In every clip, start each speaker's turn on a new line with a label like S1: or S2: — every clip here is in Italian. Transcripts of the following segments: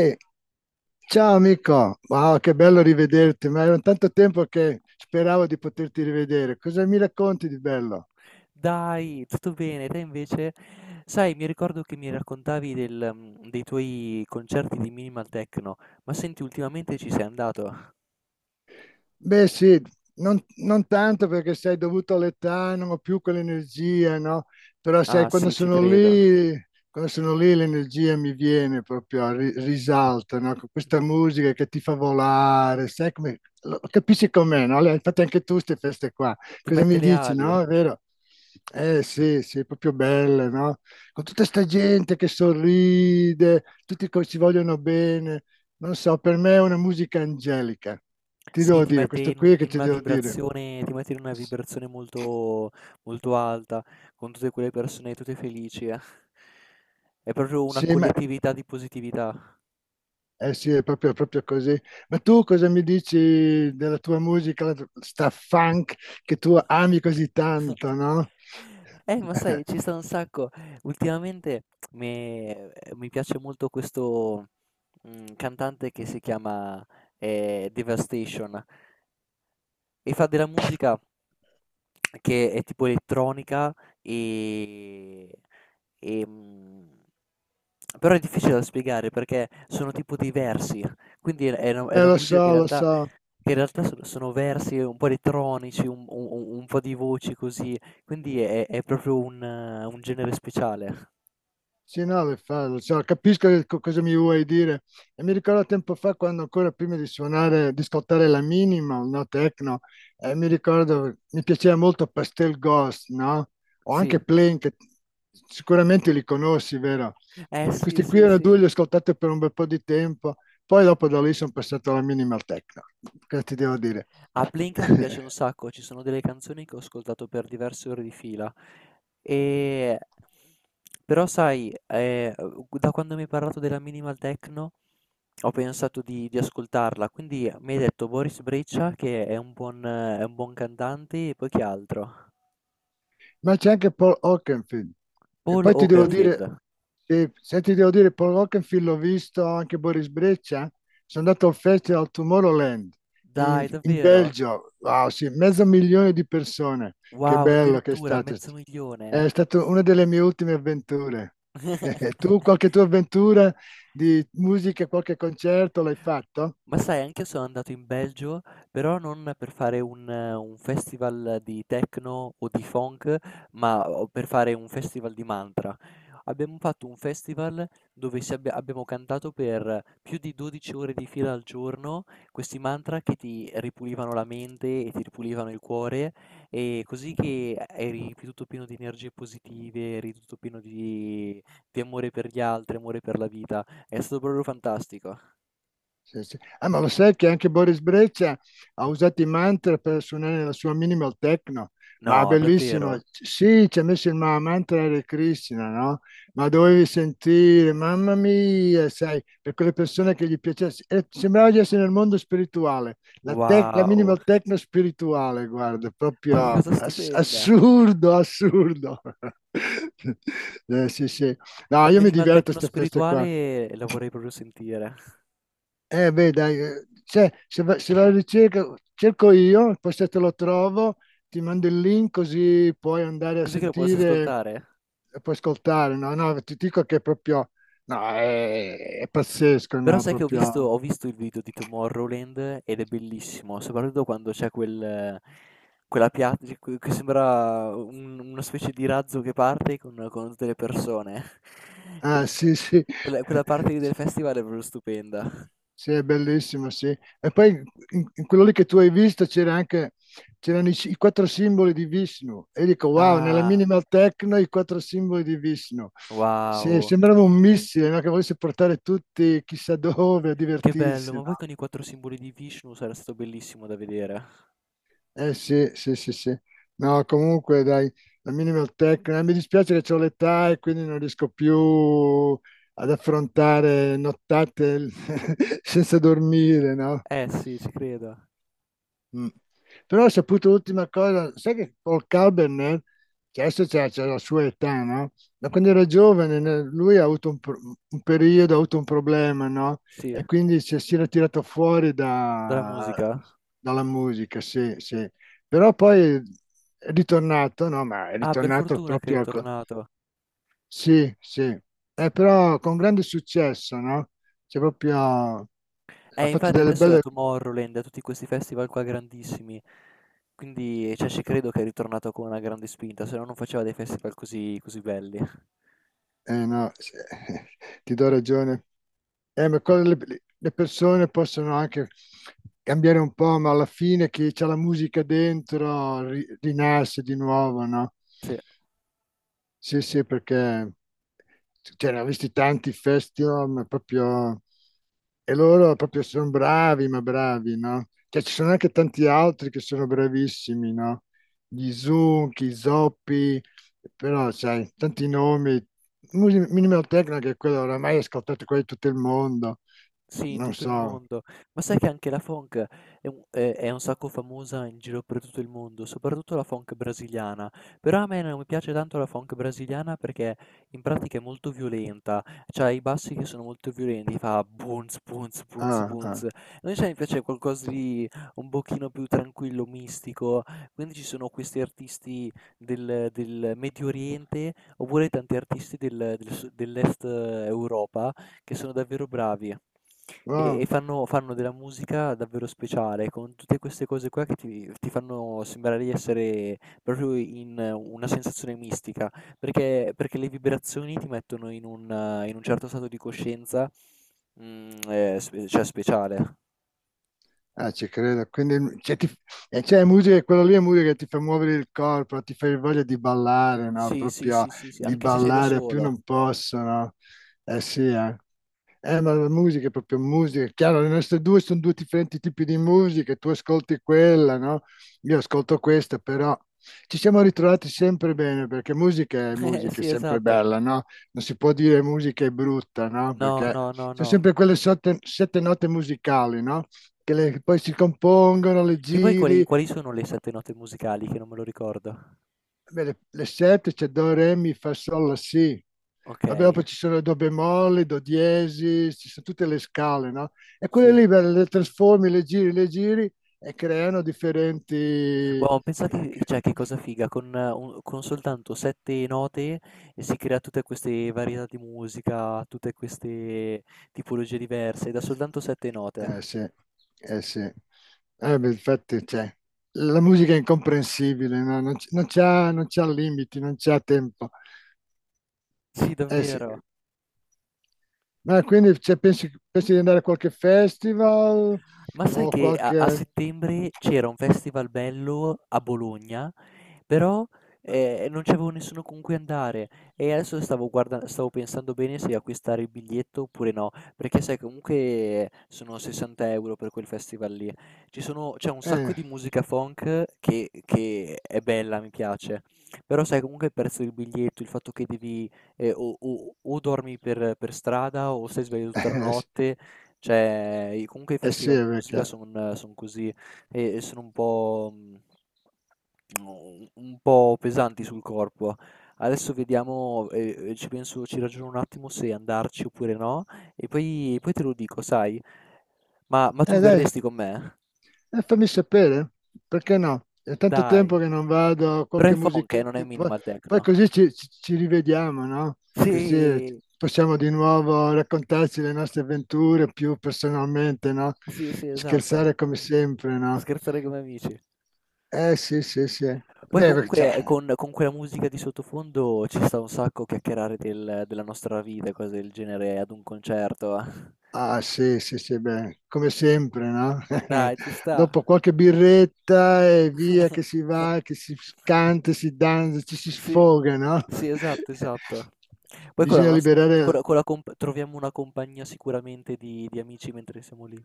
S1: E Ciao amico, wow, che bello rivederti, ma era tanto tempo che speravo di poterti rivedere. Cosa mi racconti di bello?
S2: Dai, tutto bene. Te invece? Sai, mi ricordo che mi raccontavi dei tuoi concerti di minimal techno, ma senti ultimamente ci sei andato?
S1: Beh, sì, non tanto perché sei dovuto all'età, non ho più quell'energia, no? Però sai,
S2: Ah sì, ci credo.
S1: quando sono lì l'energia mi viene proprio, risalta, no? Con questa musica che ti fa volare, sai come, capisci com'è, no? Infatti anche tu queste feste qua,
S2: Ti
S1: cosa
S2: mette
S1: mi
S2: le
S1: dici,
S2: ali.
S1: no? È vero? Eh sì, sì, proprio belle, no? Con tutta sta gente che sorride, tutti ci vogliono bene, non so, per me è una musica angelica ti
S2: Sì,
S1: devo
S2: ti
S1: dire,
S2: mette
S1: questo
S2: in un
S1: qui che
S2: in
S1: ti
S2: una
S1: devo dire.
S2: vibrazione molto molto alta, con tutte quelle persone tutte felici, eh. È proprio una
S1: Sì, ma
S2: collettività di positività.
S1: eh sì, è proprio, proprio così. Ma tu cosa mi dici della tua musica, la, sta funk che tu ami così tanto, no?
S2: Ma sai, ci sta un sacco. Ultimamente mi piace molto questo cantante che si chiama Devastation e fa della musica che è tipo elettronica e, e, però è difficile da spiegare perché sono tipo dei versi, quindi è una
S1: Lo
S2: musica che in
S1: so, lo
S2: realtà
S1: so.
S2: sono versi un po' elettronici, un u u un po' di voci così, quindi è proprio un genere speciale.
S1: Sì, no, lo so, capisco che cosa mi vuoi dire. E mi ricordo tempo fa, quando ancora prima di suonare, di scottare la minimal, no, techno, mi ricordo, mi piaceva molto Pastel Ghost, no? O
S2: Sì.
S1: anche Plane, che sicuramente li conosci, vero?
S2: Eh
S1: E
S2: sì,
S1: questi qui
S2: sì,
S1: erano
S2: sì.
S1: due, li ho ascoltati per un bel po' di tempo, poi dopo da lì sono passato alla minimal techno, che ti devo dire.
S2: A Plinka mi piace un sacco, ci sono delle canzoni che ho ascoltato per diverse ore di fila. Ehm, Però sai, da quando mi hai parlato della minimal techno, ho pensato di ascoltarla, quindi mi hai detto Boris Brejcha che è un buon cantante e poi chi altro?
S1: Ma c'è anche Paul Oakenfield. E
S2: Paul
S1: poi ti devo dire,
S2: Oakenfold.
S1: sì, se ti devo dire, Paul Oakenfield l'ho visto anche Boris Breccia. Sono andato al Festival Tomorrowland in,
S2: Dai,
S1: in
S2: davvero?
S1: Belgio. Wow, sì, mezzo milione di persone. Che
S2: Wow,
S1: bello che è
S2: addirittura
S1: stato.
S2: mezzo
S1: È
S2: milione.
S1: stata una delle mie ultime avventure. Tu, qualche tua avventura di musica, qualche concerto l'hai fatto?
S2: Ma sai, anch'io sono andato in Belgio, però non per fare un festival di techno o di funk, ma o per fare un festival di mantra. Abbiamo fatto un festival dove abbiamo cantato per più di 12 ore di fila al giorno, questi mantra che ti ripulivano la mente e ti ripulivano il cuore, e così che eri più tutto pieno di energie positive, eri tutto pieno di amore per gli altri, amore per la vita. È stato proprio fantastico.
S1: Sì, sì. Ah, ma lo sai che anche Boris Breccia ha usato i mantra per suonare la sua minimal techno? Ma
S2: No,
S1: bellissimo.
S2: davvero?
S1: Sì, ci ha messo il mantra Hare Krishna, no? Ma dovevi sentire, mamma mia, sai, per quelle persone che gli piacesse. Sembrava di essere nel mondo spirituale, la, la
S2: Wow,
S1: minimal techno spirituale, guarda,
S2: ma che
S1: proprio
S2: cosa stupenda!
S1: assurdo, assurdo. Sì, sì. No,
S2: La
S1: io mi
S2: minimal
S1: diverto a
S2: techno
S1: queste feste qua.
S2: spirituale la vorrei proprio sentire,
S1: Eh beh, dai, cioè, se, se la ricerca, cerco io, poi se te lo trovo, ti mando il link così puoi andare a
S2: così che la posso
S1: sentire
S2: ascoltare.
S1: e puoi ascoltare. No, no, ti dico che è proprio, no, è pazzesco,
S2: Però
S1: no,
S2: sai che ho visto,
S1: proprio.
S2: ho visto il video di Tomorrowland ed è bellissimo, soprattutto quando c'è quella piatta che sembra una specie di razzo che parte con tutte le persone.
S1: Ah,
S2: Quel-
S1: sì, sì.
S2: quella parte lì del festival è proprio stupenda.
S1: Sì, è bellissimo, sì. E poi in, in quello lì che tu hai visto c'era anche, c'erano i, i quattro simboli di Vishnu. E dico, wow, nella
S2: Ah,
S1: minimal techno i quattro simboli di Vishnu. Sì,
S2: wow,
S1: sembrava un missile, no? Che volesse portare tutti chissà dove a
S2: che bello,
S1: divertirsi, no?
S2: ma poi con i quattro simboli di Vishnu sarà stato bellissimo da vedere.
S1: Eh sì, sì, sì, sì. No, comunque dai, la minimal techno. Eh, mi dispiace che ho l'età e quindi non riesco più ad affrontare nottate senza dormire, no?
S2: Eh sì, ci credo.
S1: Mm. Però ho saputo l'ultima cosa, sai che Paul Kalbrenner, che adesso c'è la sua età, no? Ma quando era giovane lui ha avuto un periodo, ha avuto un problema, no?
S2: Sì,
S1: E quindi si era tirato fuori
S2: dalla musica?
S1: dalla musica, sì, sì. Però poi è ritornato, no? Ma è
S2: Ah, per
S1: ritornato
S2: fortuna che è
S1: proprio...
S2: ritornato.
S1: Sì, sì. Però con grande successo, no? C'è proprio... Ha fatto
S2: Infatti
S1: delle
S2: adesso è a
S1: belle...
S2: Tomorrowland, a tutti questi festival qua grandissimi. Quindi, cioè, ci credo che è ritornato con una grande spinta, se no non faceva dei festival così, così belli.
S1: Eh no, sì, ti do ragione. Ma cosa le persone possono anche cambiare un po', ma alla fine chi c'ha la musica dentro rinasce di nuovo, no?
S2: Sì.
S1: Sì, sì, perché cioè, ne ho visti tanti festival, ma proprio... E loro proprio sono bravi, ma bravi, no? Cioè, ci sono anche tanti altri che sono bravissimi, no? Gli Zucchi, Zoppi, però, sai, tanti nomi. Minimal Techno, che è quello oramai ascoltato qua in tutto il mondo.
S2: Sì, in
S1: Non
S2: tutto il
S1: so.
S2: mondo. Ma sai che anche la funk è un sacco famosa in giro per tutto il mondo, soprattutto la funk brasiliana. Però a me non mi piace tanto la funk brasiliana perché in pratica è molto violenta, c'ha i bassi che sono molto violenti, fa bounce, bounce, bounce,
S1: Ah, ah.
S2: bounce. Invece a me piace qualcosa di un pochino più tranquillo, mistico. Quindi ci sono questi artisti del Medio Oriente oppure tanti artisti dell'Est Europa che sono davvero bravi. E
S1: Wow.
S2: fanno della musica davvero speciale, con tutte queste cose qua che ti fanno sembrare di essere proprio in una sensazione mistica, perché le vibrazioni ti mettono in un certo stato di coscienza, mhmm, sp cioè speciale.
S1: Ah, ci credo. Quindi, cioè, cioè, è musica, quello lì è musica che ti fa muovere il corpo, ti fa voglia di ballare, no?
S2: Sì, sì,
S1: Proprio
S2: sì, sì, sì,
S1: di
S2: anche se sei da
S1: ballare a più
S2: solo.
S1: non posso, no? Eh sì, eh. Ma la musica è proprio musica, è chiaro, le nostre due sono due differenti tipi di musica, tu ascolti quella, no? Io ascolto questa, però ci siamo ritrovati sempre bene perché musica, è
S2: Sì,
S1: sempre
S2: esatto.
S1: bella, no? Non si può dire musica è brutta, no?
S2: No,
S1: Perché
S2: no, no,
S1: sono
S2: no.
S1: sempre quelle sette, sette note musicali, no? Che poi si compongono, le
S2: Che poi
S1: giri,
S2: quali quali sono le 7 note musicali che non me lo ricordo?
S1: beh, le sette c'è Do, Re, Mi, Fa, Sol, La, Si. Vabbè,
S2: Okay,
S1: poi ci sono do bemolle, do diesis, ci sono tutte le scale, no? E quelle
S2: sì.
S1: lì beh, le trasformi, le giri e creano differenti...
S2: Wow, pensa che, cioè, che cosa figa, con soltanto sette note si crea tutte queste varietà di musica, tutte queste tipologie diverse, da soltanto sette note.
S1: Eh sì, eh sì. Beh, infatti, cioè, la musica è incomprensibile, no? Non, non c'ha limiti, non c'ha tempo.
S2: Sì,
S1: Eh sì.
S2: davvero.
S1: Ma quindi cioè, pensi di andare a qualche festival
S2: Ma sai
S1: o
S2: che a
S1: qualche...
S2: settembre c'era un festival bello a Bologna. Però, non c'avevo nessuno con cui andare, e adesso stavo pensando bene se acquistare il biglietto oppure no, perché sai comunque sono 60 € per quel festival lì. Ci sono c'è un sacco
S1: Eh,
S2: di musica funk che è bella, mi piace, però sai comunque il prezzo del biglietto, il fatto che devi o dormi per strada o stai sveglio tutta la
S1: eh sì,
S2: notte, cioè i comunque i
S1: eh sì,
S2: festival di musica
S1: perché...
S2: son così e sono un po' pesanti sul corpo. Adesso vediamo, ci penso, ci ragiono un attimo se andarci oppure no, e poi te lo dico, sai. Ma tu
S1: Dai,
S2: verresti con me?
S1: e fammi sapere, perché no? È tanto
S2: Dai,
S1: tempo che non vado,
S2: però
S1: qualche
S2: è funk non è
S1: musichetta, poi,
S2: minimal
S1: poi
S2: techno.
S1: così ci rivediamo, no? Così
S2: Sì,
S1: possiamo di nuovo raccontarci le nostre avventure più personalmente, no?
S2: sì, sì,
S1: Scherzare
S2: esatto.
S1: come sempre, no?
S2: Scherzare come amici.
S1: Eh sì, sì, sì.
S2: Poi
S1: Beh,
S2: comunque
S1: cioè,
S2: con quella musica di sottofondo ci sta un sacco chiacchierare della nostra vita e cose del genere ad un concerto.
S1: ah sì, sì, sì, beh, come sempre, no?
S2: Dai, ci sta.
S1: Dopo qualche birretta e via che si va, che si canta, si danza, ci si
S2: Sì,
S1: sfoga, no?
S2: sì, esatto, esatto. Poi con la
S1: Bisogna
S2: nos
S1: liberare...
S2: con la comp troviamo una compagnia sicuramente di amici mentre siamo lì.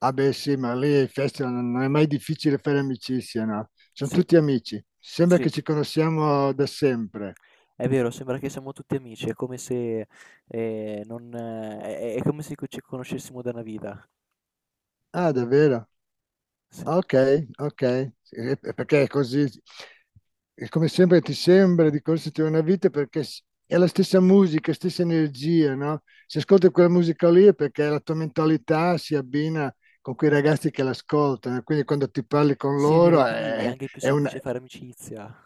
S1: Ah beh sì, ma lì ai festival non è mai difficile fare amicizia, no? Sono
S2: Sì,
S1: tutti amici, sembra
S2: sì,
S1: che ci conosciamo da sempre.
S2: è vero, sembra che siamo tutti amici, è come se, non, è come se co ci conoscessimo da una vita.
S1: Ah, davvero?
S2: Sì.
S1: Ok, ok, sì, è perché è così. E come sempre ti sembra di correrti una vita perché è la stessa musica, stessa energia, no? Se ascolti quella musica lì è perché la tua mentalità si abbina con quei ragazzi che l'ascoltano, quindi quando ti parli con
S2: Sì, è vero,
S1: loro
S2: quindi è
S1: è,
S2: anche più semplice fare amicizia.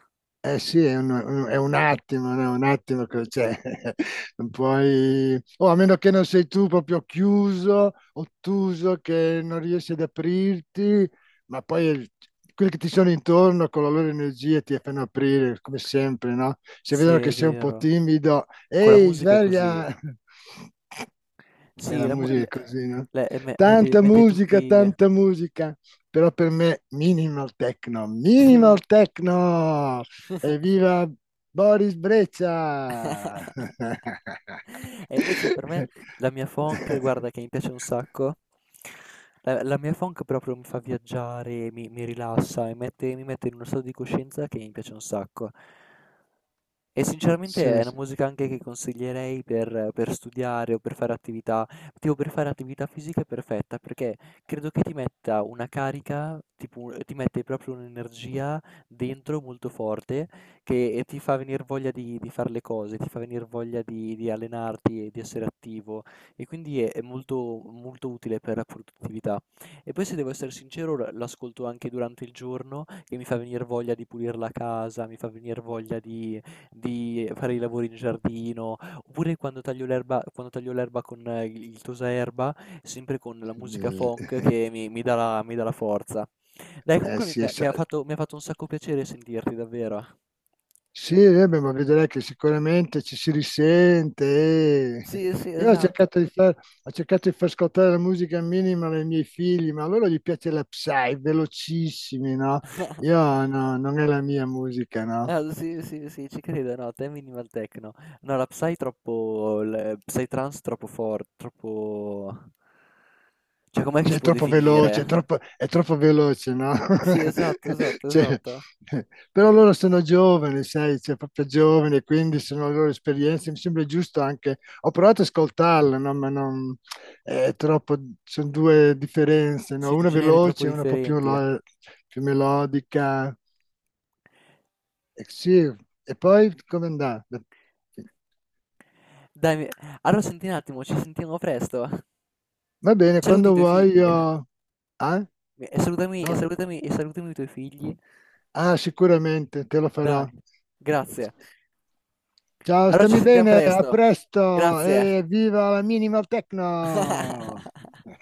S1: eh sì, è un attimo, no, un attimo che cioè, non puoi o a meno che non sei tu proprio chiuso, ottuso, che non riesci ad aprirti, ma poi quelli che ti sono intorno con la loro energia ti fanno aprire, come sempre, no? Se
S2: Sì,
S1: vedono che
S2: è
S1: sei un po'
S2: vero.
S1: timido,
S2: Con la
S1: ehi,
S2: musica è così.
S1: sveglia! E
S2: Sì,
S1: la
S2: la mu
S1: musica
S2: l
S1: è così, no?
S2: le me mette mette tutti,
S1: Tanta musica, però per me minimal techno, minimal
S2: sì.
S1: techno! Evviva Boris Breccia!
S2: E invece per me la mia funk, guarda che mi piace un sacco. La mia funk proprio mi fa viaggiare, mi rilassa e mi mette in uno stato di coscienza che mi piace un sacco. E sinceramente è
S1: Sì,
S2: una
S1: sì.
S2: musica anche che consiglierei per studiare o per fare attività, tipo per fare attività fisica è perfetta perché credo che ti metta una carica, tipo, ti mette proprio un'energia dentro molto forte che ti fa venire voglia di fare le cose, ti fa venire voglia di allenarti e di essere attivo, e quindi è molto, molto utile per la produttività. E poi se devo essere sincero l'ascolto anche durante il giorno, che mi fa venire voglia di pulire la casa, mi fa venire voglia di fare i lavori in giardino, oppure quando taglio l'erba con il tosaerba, sempre con la musica funk che mi dà la forza. Dai comunque mi
S1: Sì,
S2: mi ha fatto un sacco piacere sentirti davvero.
S1: sì, eh beh, ma vedrai che sicuramente ci si risente. e-
S2: Sì, sì,
S1: Io
S2: esatto.
S1: ho cercato di far ascoltare la musica minima ai miei figli, ma a loro gli piace la psy, velocissimi, no? Io no, non è la mia musica, no?
S2: Ah, sì, sì, sì, ci credo, no, te minimal techno. No, la psytrance troppo, cioè com'è che si
S1: Cioè, è
S2: può
S1: troppo veloce,
S2: definire?
S1: è troppo veloce, no?
S2: Sì, esatto, esatto,
S1: Cioè,
S2: esatto.
S1: però loro sono giovani, sai, cioè, proprio giovani, quindi sono le loro esperienze. Mi sembra giusto anche. Ho provato ad ascoltarla, no? Ma non è troppo. Sono due differenze, no?
S2: Sì, 2
S1: Una
S2: generi troppo
S1: veloce, una un po' più,
S2: differenti.
S1: più melodica. E, sì. E poi come andà?
S2: Dai, allora senti un attimo, ci sentiamo presto.
S1: Va bene,
S2: Saluti i
S1: quando
S2: tuoi
S1: vuoi
S2: figli.
S1: io. Ah?
S2: E salutami, e
S1: No?
S2: salutami, e salutami i tuoi figli.
S1: Ah, sicuramente te lo
S2: Dai,
S1: farò.
S2: grazie.
S1: Ciao,
S2: Allora ci
S1: stammi
S2: sentiamo
S1: bene, a
S2: presto.
S1: presto
S2: Grazie.
S1: e viva la minimal techno!